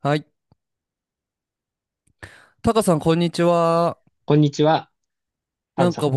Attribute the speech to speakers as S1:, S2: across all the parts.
S1: はい。タカさん、こんにちは。
S2: こんにちは、ハル
S1: なん
S2: さ
S1: か
S2: ん。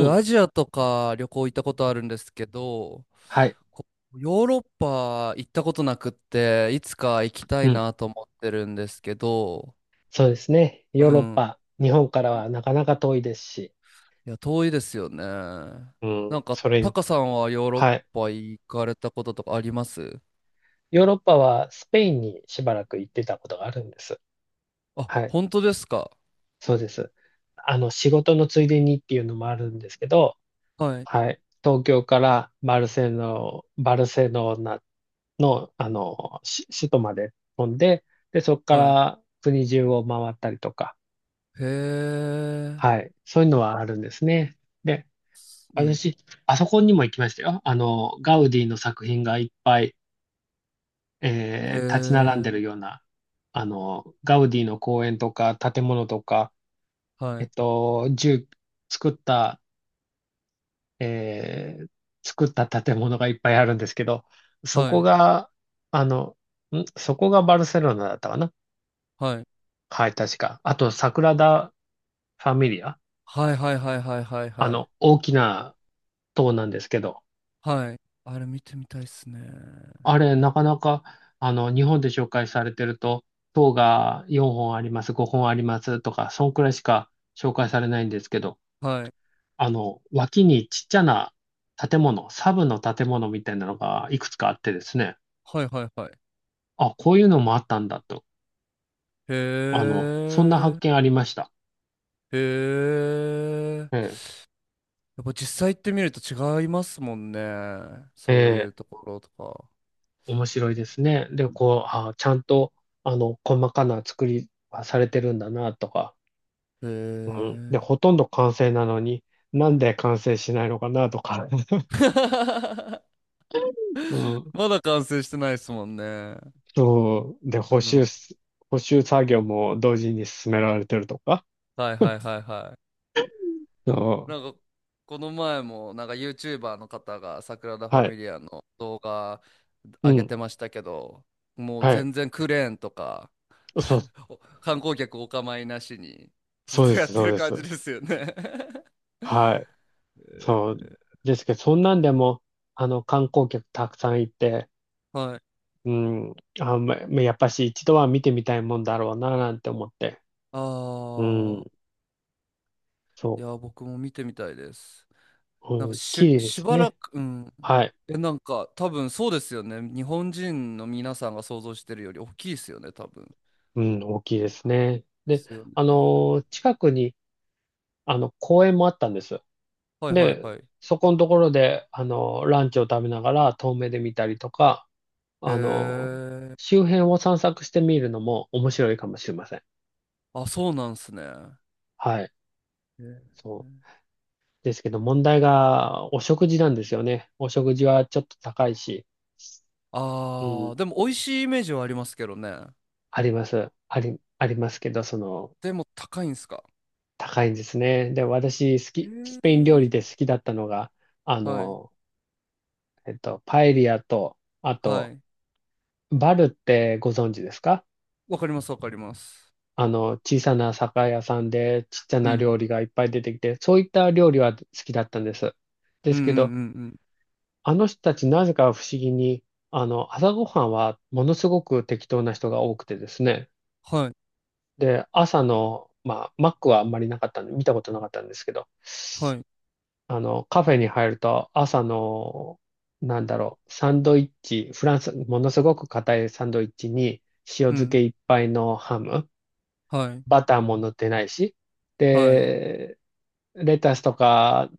S2: うん。
S1: アジアとか旅行行ったことあるんですけど、
S2: はい。
S1: こヨーロッパ行ったことなくって、いつか行きた
S2: う
S1: い
S2: ん。
S1: なと思ってるんですけど、
S2: そうですね。
S1: う
S2: ヨーロッ
S1: ん。
S2: パ、日本から
S1: いい
S2: はなかなか遠いですし。
S1: や、遠いですよね。な
S2: うん。
S1: んか、
S2: それ
S1: タ
S2: に、
S1: カさんはヨーロッ
S2: はい。
S1: パ行かれたこととかあります？
S2: ヨーロッパはスペインにしばらく行ってたことがあるんです。
S1: あ、
S2: はい。
S1: 本当ですか？
S2: そうです。仕事のついでにっていうのもあるんですけど、
S1: はい。
S2: はい。東京からバルセロナの、し首都まで飛んで、で、そこか
S1: はい。
S2: ら国中を回ったりとか、
S1: へえ。
S2: はい。そういうのはあるんですね。で
S1: うん。
S2: 私、あそこにも行きましたよ。あの、ガウディの作品がいっぱい、
S1: へ
S2: 立ち並ん
S1: え。
S2: でるような、あの、ガウディの公園とか、建物とか、
S1: は
S2: えっ
S1: い。
S2: と、住、作った、えー作った建物がいっぱいあるんですけど、そ
S1: は
S2: こ
S1: い。
S2: が、あの、そこがバルセロナだったかな？
S1: はい。
S2: はい、確か。あと、サグラダ・ファミリア。
S1: はいはいはいはいはい
S2: あ
S1: はい。
S2: の、大きな塔なんですけど、
S1: はい。あれ見てみたいっすね。
S2: あれ、なかなか、あの、日本で紹介されてると、塔が4本あります、5本ありますとか、そんくらいしか紹介されないんですけど、
S1: はい。
S2: あの、脇にちっちゃな建物、サブの建物みたいなのがいくつかあってですね、
S1: はいはいはい。
S2: あ、こういうのもあったんだと、
S1: へ
S2: あの、そんな発見
S1: え。
S2: ありました。
S1: へ
S2: ええ、
S1: え。やっぱ実際行ってみると違いますもんね。
S2: え
S1: そういう
S2: え、
S1: ところとか。
S2: 面白いですね。で、こう、あ、ちゃんと、あの、細かな作りはされてるんだなとか、
S1: へ
S2: うん。
S1: え。
S2: で、ほとんど完成なのに、なんで完成しないのかなとか。うん。
S1: まだ完成してないですもんね。
S2: そう。で、
S1: うん。
S2: 補修作業も同時に進められてるとか。
S1: はいはいはいは
S2: そ
S1: い。
S2: う
S1: なんか、この前も、なんか YouTuber の方が、サグラダ・
S2: ん。
S1: ファ
S2: はい。
S1: ミリアの動画
S2: う
S1: 上げ
S2: ん。
S1: てましたけど、もう
S2: はい。
S1: 全然クレーンとか、
S2: そう、
S1: 観光客お構いなしにずっ
S2: そう
S1: と
S2: で
S1: やっ
S2: す、
S1: て
S2: そう
S1: る
S2: で
S1: 感
S2: す。
S1: じですよね？
S2: はい。そう。ですけど、そんなんでも、あの、観光客たくさんいて、
S1: はい。
S2: うん。あ、ま、まやっぱし一度は見てみたいもんだろうな、なんて思って。
S1: あ
S2: う
S1: あ、
S2: ん。
S1: い
S2: そ
S1: や、僕も見てみたいです。
S2: う。
S1: なんか
S2: うん。綺麗で
S1: し
S2: す
S1: ばら
S2: ね。
S1: く、うん。
S2: はい。
S1: え、なんか、多分そうですよね。日本人の皆さんが想像してるより大きいですよね、多分。
S2: うん、大きいですね。
S1: で
S2: で、
S1: すよね。
S2: あの、近くに、あの、公園もあったんです。
S1: はいはい
S2: で、
S1: はい。へ
S2: そこのところで、あの、ランチを食べながら遠目で見たりとか、あの、
S1: え。
S2: 周辺を散策してみるのも面白いかもしれません。
S1: あ、そうなんすね。
S2: はい。
S1: へえ。
S2: そう。ですけど、問題が、お食事なんですよね。お食事はちょっと高いし、う
S1: あ
S2: ん、
S1: あ、でも美味しいイメージはありますけどね。
S2: あります。ありますけど、その、
S1: でも高いんすか？
S2: 高いんですね。で、私、好
S1: へ
S2: き、ス
S1: え。
S2: ペイン料理で好きだったのが、あ
S1: はい。
S2: の、えっと、パエリアと、あ
S1: は
S2: と、
S1: い。
S2: バルってご存知ですか？
S1: わかります、わかります。
S2: あの、小さな酒屋さんでちっちゃ
S1: う
S2: な
S1: ん。
S2: 料理がいっぱい出てきて、そういった料理は好きだったんです。で
S1: うん
S2: す
S1: うん
S2: けど、
S1: うんうん。
S2: あの人たちなぜか不思議に、あの、朝ごはんはものすごく適当な人が多くてですね。
S1: はい。
S2: で、朝の、まあ、マックはあんまりなかったんで、見たことなかったんですけど、
S1: はい。
S2: あの、カフェに入ると朝の、なんだろう、サンドイッチ、フランス、ものすごく硬いサンドイッチに塩
S1: う
S2: 漬
S1: ん。
S2: けいっぱいのハム、
S1: はい。
S2: バターも塗ってないし、
S1: はい。
S2: で、レタスとか、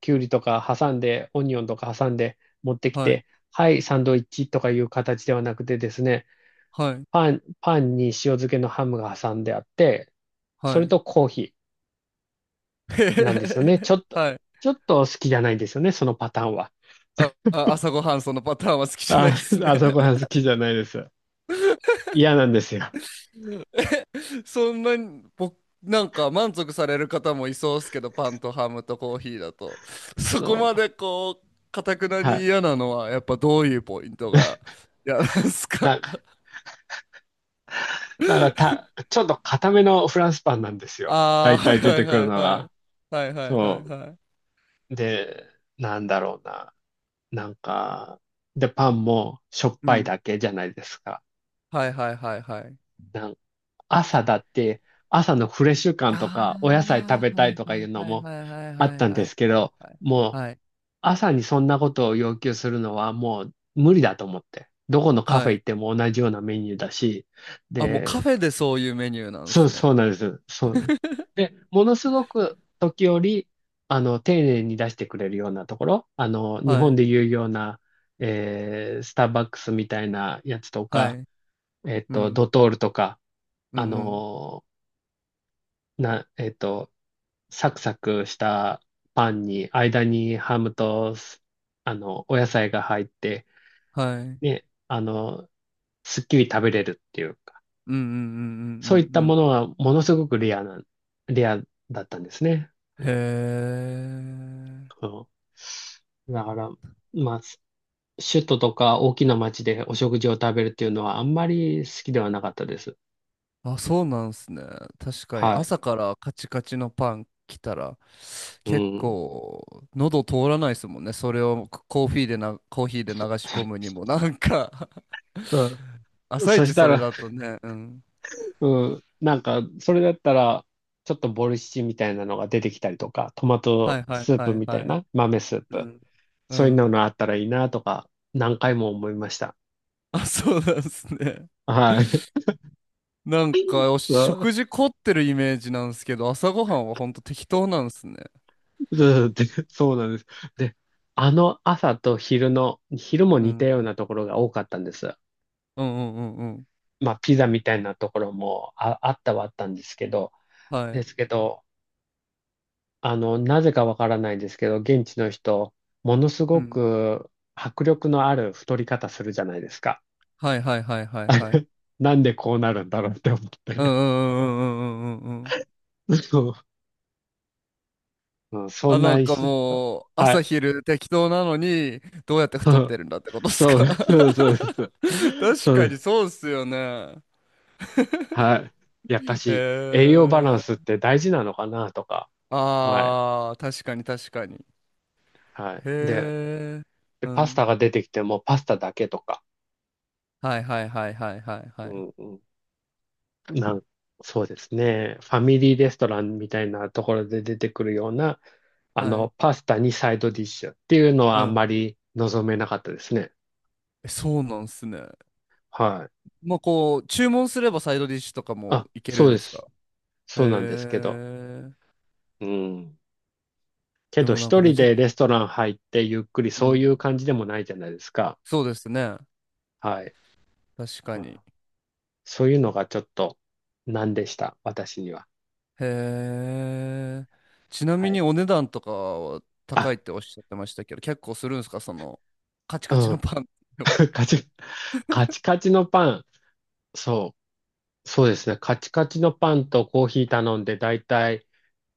S2: キュウリとか挟んで、オニオンとか挟んで持ってき
S1: はい。
S2: て、はい、サンドイッチとかいう形ではなくてですね、
S1: はい。
S2: パンに塩漬けのハムが挟んであって、そ
S1: は
S2: れ
S1: い。
S2: とコーヒ
S1: へへへ
S2: ーなんですよね。
S1: へはい。
S2: ちょっと好きじゃないんですよね、そのパターンは。
S1: あ、朝ごはんそのパターンは好きじゃない
S2: あ、
S1: です ね。
S2: あそ こは好きじゃないです。嫌なんですよ。
S1: そんなに、僕、なんか満足される方もいそうですけど、パンとハムとコーヒーだと。そこ
S2: そ
S1: ま
S2: う。
S1: でこう、かたくな
S2: は
S1: に
S2: い。
S1: 嫌なのは、やっぱどういうポイントが嫌なんですか？
S2: なんか、なん かた、ちょっと固めのフランスパンなんですよ。
S1: あ
S2: 大
S1: あー、
S2: 体出
S1: は
S2: て
S1: い
S2: く
S1: は
S2: る
S1: い
S2: の
S1: はいは
S2: が。
S1: い。はいはいはい
S2: そ
S1: はい。
S2: う。で、なんだろうな。なんか、で、パンもしょっ
S1: う
S2: ぱい
S1: ん。
S2: だけじゃないですか。
S1: はいはいはいはい。
S2: なん朝だって、朝のフレッシュ感と
S1: あ
S2: か、お野菜食べ
S1: あ、
S2: たいとか
S1: は
S2: いう
S1: い
S2: の
S1: はい
S2: も
S1: はいはい
S2: あ
S1: は
S2: っ
S1: いはい
S2: たん
S1: は
S2: で
S1: い
S2: すけ
S1: はい
S2: ど、
S1: はい
S2: もう、
S1: はい。
S2: 朝にそんなことを要求するのはもう無理だと思って。どこのカフ
S1: は
S2: ェ
S1: い。
S2: 行っても同じようなメニューだし、
S1: あ、もうカ
S2: で、
S1: フェでそういうメニューなんで
S2: そう、
S1: す
S2: そ
S1: ね。
S2: うなんです。そうです。で、ものすごく時折、あの、丁寧に出してくれるようなところ、あの、日
S1: は
S2: 本
S1: い。
S2: でいうような、スターバックスみたいなやつと
S1: は
S2: か、
S1: い。
S2: えっ
S1: う
S2: と、
S1: ん。
S2: ドトールとか、
S1: う
S2: あ
S1: んうん。
S2: のな、えっと、サクサクしたパンに、間にハムと、あの、お野菜が入って、
S1: はい。うん
S2: ね、あの、すっきり食べれるっていうか、
S1: うんうんうん
S2: そういっ
S1: うん
S2: た
S1: う
S2: も
S1: ん。
S2: のはものすごくレアな、レアだったんですね。う
S1: へ
S2: ん。
S1: え。
S2: うんだから、まあ、首都とか大きな町でお食事を食べるっていうのはあんまり好きではなかったです。
S1: あ、そうなんですね。確かに
S2: はい。
S1: 朝からカチカチのパン来たら
S2: う
S1: 結
S2: ん。
S1: 構喉通らないですもんね。それをコーヒーで流し込むに もなんか。
S2: そう
S1: 朝
S2: そ
S1: 一
S2: した
S1: それ
S2: ら、
S1: だとね、うん。
S2: うん。なんか、それだったら、ちょっとボルシチみたいなのが出てきたりとか、トマ
S1: は
S2: ト
S1: いはい
S2: スー
S1: は
S2: プ
S1: い
S2: みた
S1: は
S2: い
S1: い。
S2: な、豆スー
S1: う
S2: プ。
S1: ん。う
S2: そういうの
S1: ん。
S2: があったらいいなとか、何回も思いました。
S1: あ、そうなんですね。
S2: はい。
S1: なん か、お
S2: そう
S1: 食事凝ってるイメージなんですけど、朝ごはんはほんと適当なんですね。
S2: そうでそうなんです。で、あの朝と昼の、昼も
S1: う
S2: 似た
S1: ん。
S2: ようなところが多かったんです。
S1: うんうんうんうん。
S2: まあ、ピザみたいなところもあ、あったはあったんですけど、
S1: は
S2: で
S1: い。
S2: すけど、あの、なぜかわからないんですけど、現地の人、ものす
S1: う
S2: ご
S1: ん。
S2: く迫力のある太り方するじゃないですか。
S1: はいはいはいはいはい。
S2: なんでこうなるんだろうって思っ
S1: うんう
S2: て。
S1: んうんうんうんうんうんうん。
S2: そう、うん、そ
S1: あ、
S2: ん
S1: な
S2: な
S1: んか
S2: 石。
S1: もう、
S2: は
S1: 朝
S2: い。
S1: 昼適当なのに、どうやって
S2: う
S1: 太っ
S2: ん
S1: てるんだってことです
S2: そう、
S1: か？
S2: そうそうです。
S1: 確
S2: そう
S1: か
S2: で
S1: に
S2: す。
S1: そうっすよね。
S2: はい。やっぱし、
S1: へ
S2: 栄養バランスっ
S1: え。
S2: て大事なのかなとか、前。
S1: ああ、確かに確かに。
S2: はい。で、
S1: へえ。
S2: で
S1: う
S2: パス
S1: ん。
S2: タが出てきてもパスタだけとか。
S1: はいはいはいはいはい
S2: う
S1: はい。
S2: んうんなん、そうですね。ファミリーレストランみたいなところで出てくるような、あ
S1: は
S2: の、
S1: い。
S2: パスタにサイドディッシュっていうの
S1: う
S2: はあんま
S1: ん。
S2: り望めなかったですね。
S1: え、そうなんすね。
S2: はい。
S1: まあこう、注文すればサイドディッシュとかも
S2: あ、
S1: いけ
S2: そ
S1: る
S2: う
S1: ん
S2: で
S1: です
S2: す。
S1: か？へ
S2: そうなんですけど。
S1: え。
S2: うん。け
S1: で
S2: ど
S1: もなん
S2: 一
S1: かめ
S2: 人
S1: ちゃく、
S2: でレストラン入ってゆっくり
S1: う
S2: そうい
S1: ん。
S2: う感じでもないじゃないですか。
S1: そうですね。
S2: はい。
S1: 確か
S2: ま
S1: に。
S2: あ、そういうのがちょっと難でした。私には。
S1: へえ。ちな
S2: は
S1: み
S2: い。
S1: にお値段とかは高
S2: あ、
S1: いっておっしゃってましたけど、結構するんですか？その、カチ
S2: う
S1: カチの
S2: ん。
S1: パンでも。
S2: カチ、カチカチのパン。そう。そうですね。カチカチのパンとコーヒー頼んで、だいたい、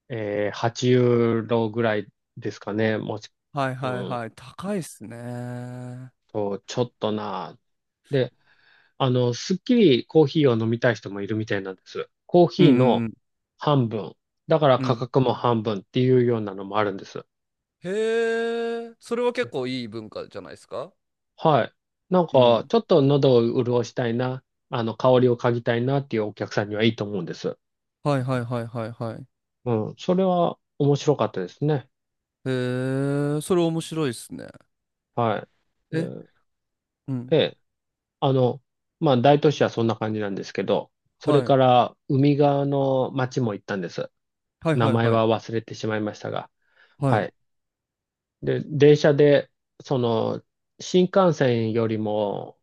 S2: 8ユーロぐらいですかね。もし、
S1: はい
S2: う
S1: はい
S2: ん、
S1: はい。高いっすね。うん
S2: と、ちょっとな。で、あの、すっきりコーヒーを飲みたい人もいるみたいなんです。コー
S1: う
S2: ヒー
S1: んう
S2: の
S1: ん。
S2: 半分。だから
S1: う
S2: 価
S1: ん。
S2: 格も半分っていうようなのもあるんです。
S1: へえ、それは結構いい文化じゃないですか？
S2: はい。なん
S1: う
S2: か、
S1: ん。
S2: ちょっと喉を潤したいな、あの、香りを嗅ぎたいなっていうお客さんにはいいと思うんです。
S1: はいはいはいはいはい。
S2: うん。それは面白かったですね。
S1: へえ、それ面白いですね。
S2: はい。で、
S1: え、うん。
S2: えあの、まあ、大都市はそんな感じなんですけど、それ
S1: はい。
S2: から海側の町も行ったんです。
S1: はい
S2: 名
S1: はい
S2: 前
S1: はい。
S2: は忘れてしまいましたが。
S1: は
S2: は
S1: い。
S2: い。で、電車で、その、新幹線よりも、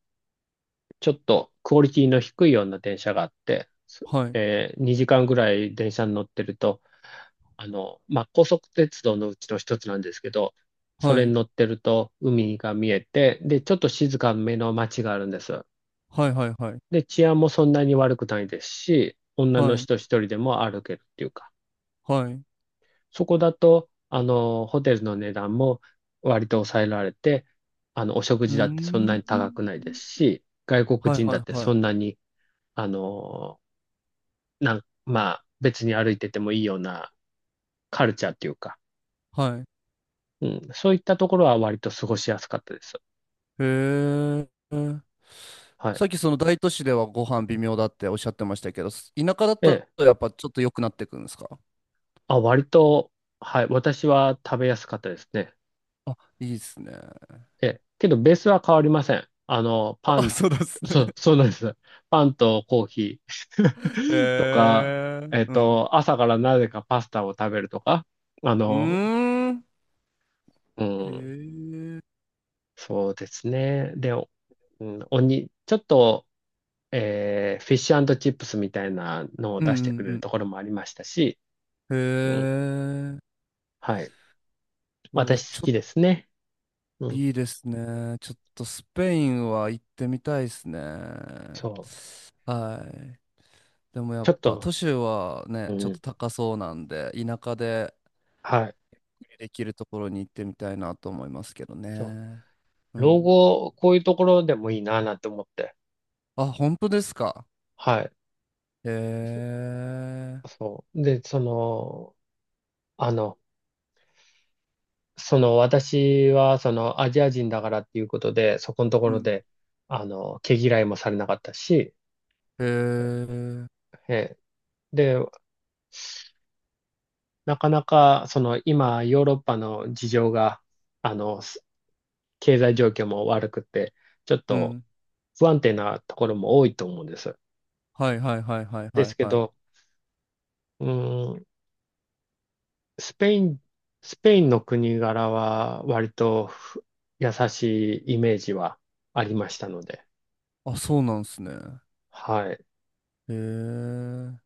S2: ちょっとクオリティの低いような電車があって、
S1: はい。
S2: 2時間ぐらい電車に乗ってると、あの、まあ、高速鉄道のうちの一つなんですけど、そ
S1: は
S2: れに
S1: い。
S2: 乗ってると海が見えて、で、ちょっと静かめの町があるんです。
S1: はいはいはい。
S2: で、治安もそんなに悪くないですし、女の
S1: はい。
S2: 人一人でも歩けるっていうか、
S1: はい。う
S2: そこだと、ホテルの値段も割と抑えられて、お食
S1: ー
S2: 事だってそんな
S1: ん。
S2: に高くないですし、外国
S1: はい
S2: 人
S1: は
S2: だっ
S1: い
S2: て
S1: はい。
S2: そんなに、あの、まあ、別に歩いててもいいようなカルチャーっていうか、
S1: はい。
S2: うん、そういったところは割と過ごしやすかったです。
S1: へえ。
S2: は
S1: さ
S2: い。
S1: っきその大都市ではご飯微妙だっておっしゃってましたけど、田舎だ
S2: え
S1: と
S2: え。
S1: やっぱちょっと良くなってくるんですか？
S2: あ、割と、はい。私は食べやすかったですね。
S1: あ、いいですね。
S2: え、けどベースは変わりません。あの、パ
S1: あ、
S2: ン、
S1: そうですね。
S2: そう、そうなんです。パンとコーヒー とか、
S1: へえ、うん。
S2: 朝からなぜかパスタを食べるとか、あ
S1: う
S2: の、
S1: ーん。
S2: う
S1: へ
S2: ん、
S1: え、
S2: そうですね。で、おうん、おに、ちょっと、フィッシュチップスみたいなのを
S1: うん
S2: 出してくれ
S1: う
S2: る
S1: ん
S2: ところもありましたし、
S1: うん。
S2: うん、
S1: へえ、
S2: はい。
S1: うわ、
S2: 私好
S1: ちょっ
S2: き
S1: と
S2: ですね。うん、
S1: いいですね。ちょっとスペインは行ってみたいですね。
S2: そう。
S1: はい。でもや
S2: ち
S1: っ
S2: ょっ
S1: ぱ
S2: と、
S1: 都市はね、ちょ
S2: う
S1: っ
S2: ん、
S1: と高そうなんで、田舎で
S2: はい。
S1: できるところに行ってみたいなと思いますけど
S2: そ
S1: ね。う
S2: う、老
S1: ん。
S2: 後、こういうところでもいいなぁなんて思って。
S1: あ、本当ですか。
S2: はい。
S1: へえ、
S2: そう。で、その、あの、その私はそのアジア人だからっていうことで、そこのとこ
S1: う
S2: ろ
S1: ん。
S2: で、毛嫌いもされなかったし、
S1: へえ、
S2: えで、なかなか、その今、ヨーロッパの事情が、あの、す経済状況も悪くて、ちょっ
S1: う
S2: と
S1: ん。
S2: 不安定なところも多いと思うんです。
S1: はいはいはいはい
S2: で
S1: はい
S2: すけ
S1: はい。
S2: ど、うーん、スペイン、スペインの国柄は割と優しいイメージはありましたので。
S1: あ、そうなんすね。
S2: はい。
S1: へえ。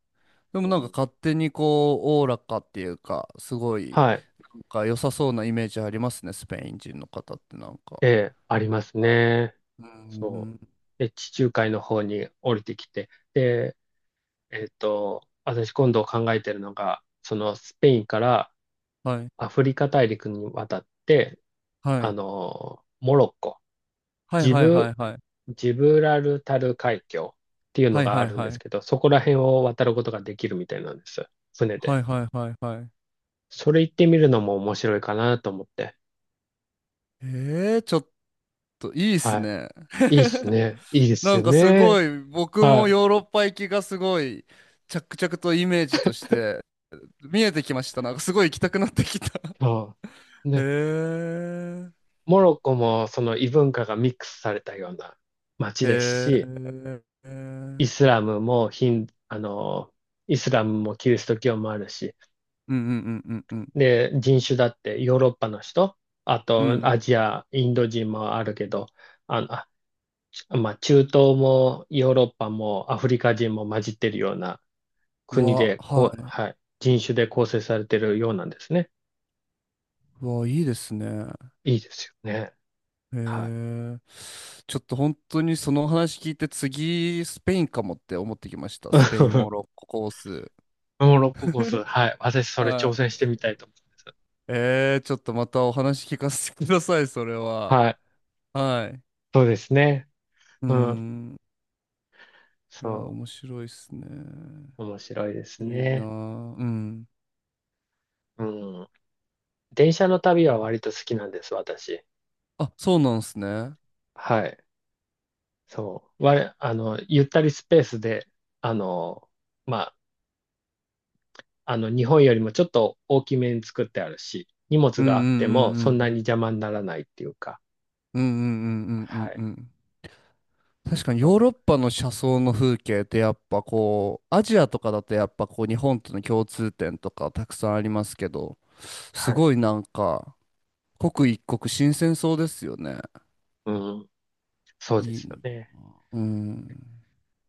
S1: で
S2: う
S1: もなんか
S2: ん、
S1: 勝手にこう、おおらかっていうか、すごい、
S2: はい。
S1: なんか良さそうなイメージありますね、スペイン人の方ってなんか。
S2: ええ、あります
S1: は
S2: ね。
S1: い。う
S2: そう。
S1: ん。
S2: で、地中海の方に降りてきて。で、私今度考えてるのが、そのスペインから
S1: はい。
S2: アフリカ大陸に渡って、
S1: は
S2: あ
S1: い。
S2: の、モロッコ。
S1: はい
S2: ジ
S1: はいは
S2: ブ、
S1: いはい。
S2: ジブラルタル海峡っていうの
S1: はい
S2: が
S1: は
S2: あ
S1: い
S2: るん
S1: は
S2: です
S1: い。
S2: けど、そこら辺を渡ることができるみたいなんです。船
S1: は
S2: で。
S1: いはいはいはい。
S2: それ行ってみるのも面白いかなと思って。
S1: ええ、ちょっといいっす
S2: は
S1: ね。
S2: い。いいっすね。いいで す
S1: な
S2: よ
S1: んかす
S2: ね。
S1: ごい、僕
S2: は
S1: も
S2: い。
S1: ヨーロッパ行きがすごい、着々とイメージとして見えてきました。なんかすごい行きたくなってきた。
S2: そう。
S1: へ
S2: ね。
S1: え、
S2: モロッコもその異文化がミックスされたような街です
S1: へ
S2: し、
S1: え、う
S2: イ
S1: ん
S2: スラムもヒン、あの、イスラムもキリスト教もあるし、
S1: うんうんうんうん。
S2: で、人種だってヨーロッパの人、あ
S1: う
S2: と
S1: ん。
S2: アジア、インド人もあるけど、あの、まあ、中東もヨーロッパもアフリカ人も混じってるような
S1: う
S2: 国
S1: わ、
S2: で、
S1: は
S2: こう、
S1: い。
S2: はい、人種で構成されてるようなんですね。
S1: うわ、いいですね。
S2: いいですよね。
S1: へ
S2: はい。
S1: え。ちょっと本当にその話聞いて次、スペインかもって思ってきました。スペイン、モロ ッココース。
S2: モロッココース、はい。私それ
S1: は
S2: 挑戦し
S1: い。
S2: てみたいと思います。
S1: ちょっとまたお話聞かせてください、それは。
S2: はい。
S1: はい。
S2: そうですね。
S1: う
S2: うん。
S1: ん。いや、
S2: そ
S1: 面白いっすね。
S2: う。面白いです
S1: いいな
S2: ね。
S1: ぁ。うん。
S2: うん。電車の旅は割と好きなんです、私。
S1: あ、そうなんすね。
S2: はい。そう。我、あの、ゆったりスペースで、あの、まあの、日本よりもちょっと大きめに作ってあるし、荷物
S1: うんう
S2: があって
S1: ん
S2: も
S1: う
S2: そん
S1: んう
S2: な
S1: んう
S2: に
S1: ん。
S2: 邪魔にならないっていうか、
S1: うんうんうんう
S2: は
S1: んう
S2: い。
S1: んうん。確かに
S2: そ
S1: ヨーロ
S2: う。
S1: ッパの車窓の風景ってやっぱこう、アジアとかだとやっぱこう日本との共通点とかたくさんありますけど、
S2: は
S1: す
S2: い。
S1: ごいなんか、刻一刻新鮮そうですよね。
S2: うん。そうで
S1: いい。
S2: すよね。
S1: うん。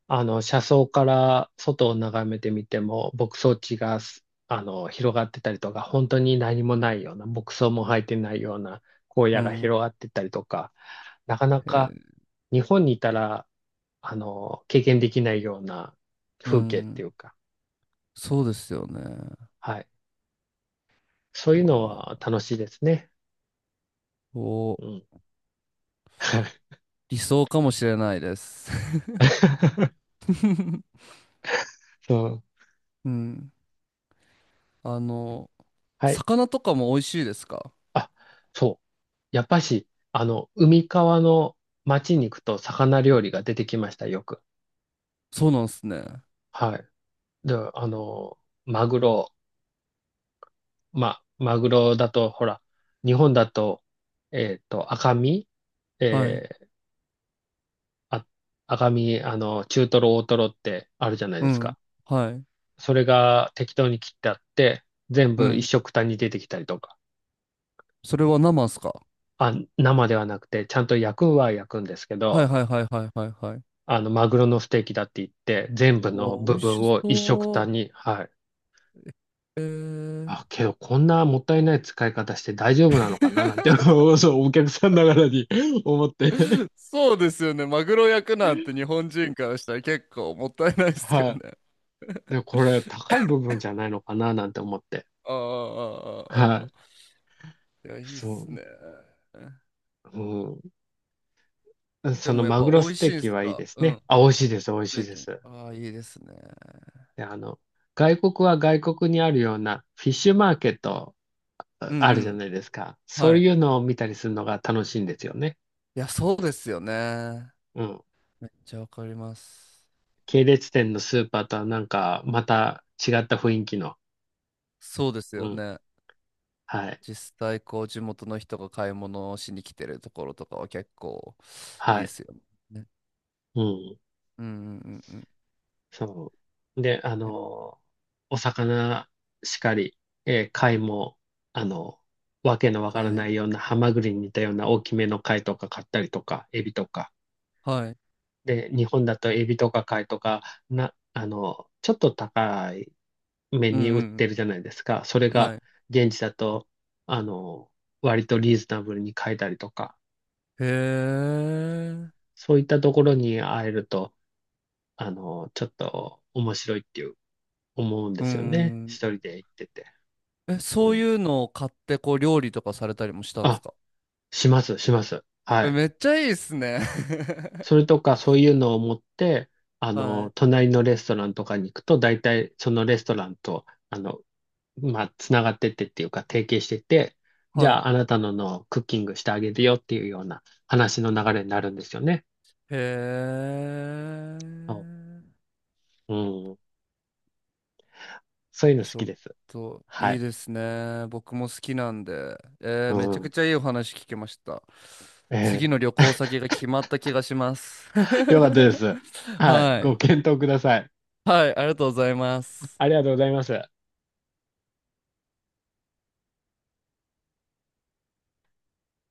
S2: あの、車窓から外を眺めてみても、牧草地が、あの、広がってたりとか、本当に何もないような、牧草も生えてないような荒
S1: う
S2: 野が
S1: ん。
S2: 広がってたりとか、なかな
S1: へ
S2: か
S1: え。
S2: 日本にいたら、あの、経験できないような
S1: う
S2: 風景っ
S1: ん。
S2: ていうか、
S1: そうですよね。
S2: はい。そう
S1: う
S2: いうの
S1: わ
S2: は
S1: あ。
S2: 楽しいですね。
S1: お、
S2: うん。
S1: 理想かもしれないです。
S2: そう。
S1: うん。あの、
S2: はい。
S1: 魚とかも美味しいですか？
S2: あ、そう。やっぱし、あの、海側の町に行くと魚料理が出てきました、よく。
S1: そうなんですね。
S2: はい。で、あの、マグロ、マグロだと、ほら、日本だと、赤身、
S1: はい。
S2: えーあ、赤身、あの、中トロ、大トロってあるじゃない
S1: う
S2: です
S1: ん。
S2: か。
S1: はい。
S2: それが適当に切ってあって、全
S1: う
S2: 部一
S1: ん。
S2: 緒くたに出てきたりとか。
S1: それは生っすか？
S2: あ、生ではなくて、ちゃんと焼くは焼くんですけ
S1: はい
S2: ど、
S1: はいはいはいはいはい。
S2: あの、マグロのステーキだって言って、全部
S1: う
S2: の
S1: わ、美
S2: 部
S1: 味
S2: 分
S1: し
S2: を一食
S1: そ
S2: 単に、はい。
S1: う。えー。
S2: あ、けど、こんなもったいない使い方して大丈夫なのかななんて、そう、お客さんながらに 思って。
S1: そうですよね。マグロ焼くなんて日本人からしたら結構もったいないですよ
S2: は
S1: ね。
S2: い。で、これ、高い部分じゃないのかななんて思って。
S1: ああ、あ
S2: は
S1: あ、
S2: い。
S1: ああ、いや、いいっ
S2: そ
S1: すね。
S2: う。うん。
S1: で
S2: その
S1: もやっ
S2: マ
S1: ぱ
S2: グロ
S1: 美
S2: ス
S1: 味
S2: テ
S1: し
S2: ー
S1: いん
S2: キ
S1: す
S2: はいい
S1: か？
S2: です
S1: う
S2: ね。
S1: ん。
S2: あ、美味しいです、美味し
S1: ステ
S2: い
S1: ー
S2: で
S1: キも。
S2: す。
S1: ああ、いいですね。
S2: で、あの、外国は外国にあるようなフィッシュマーケット
S1: うん
S2: あ
S1: う
S2: るじゃ
S1: ん。
S2: ないですか。そう
S1: はい。
S2: いうのを見たりするのが楽しいんですよね。
S1: いや、そうですよね。
S2: うん。
S1: めっちゃわかります。
S2: 系列店のスーパーとはなんか、また違った雰囲気の。
S1: そうです
S2: う
S1: よ
S2: ん。
S1: ね。
S2: はい。
S1: 実際こう地元の人が買い物をしに来てるところとかは結構いい
S2: は
S1: で
S2: い。
S1: すよね。
S2: うん。
S1: うんうんうんうん。い
S2: そう。で、あ
S1: や、
S2: の、お魚しかり、えー貝も、あの、わけのわか
S1: は
S2: らな
S1: い。
S2: いようなハマグリに似たような大きめの貝とか買ったりとか、エビとか。
S1: はい。
S2: で、日本だとエビとか貝とか、あの、ちょっと高い目
S1: うんう
S2: に売っ
S1: ん
S2: てるじゃないですか。それ
S1: うん。は
S2: が
S1: い。
S2: 現地だと、あの、割とリーズナブルに買えたりとか。
S1: へえ。
S2: そういったところに会えると、あの、ちょっと面白いっていう思うんで
S1: う
S2: すよね。一
S1: ん。
S2: 人で行ってて。
S1: え、
S2: う
S1: そうい
S2: ん。
S1: うのを買ってこう料理とかされたりもしたんです
S2: あ、
S1: か？
S2: します、します。は
S1: え、
S2: い。
S1: めっちゃいいっすね。
S2: それとか、そういうのを持って、あ
S1: は
S2: の、
S1: い。
S2: 隣のレストランとかに行くと、大体そのレストランと、あの、まあ、つながってってっていうか、提携してて、じ
S1: は
S2: ゃ
S1: い。
S2: あ、あなたののクッキングしてあげるよっていうような話の流れになるんですよね。
S1: へ
S2: そ
S1: え。
S2: ううん。そういうの好
S1: ちょ
S2: き
S1: っ
S2: です。
S1: と
S2: は
S1: いい
S2: い。
S1: ですね。僕も好きなんで。
S2: う
S1: めちゃく
S2: ん。
S1: ちゃいいお話聞けました。次
S2: え
S1: の
S2: え、
S1: 旅行先が決まった気がします。
S2: よかったです。はい。
S1: は
S2: ご
S1: い。
S2: 検討ください。
S1: はい、ありがとうございます。
S2: ありがとうございます。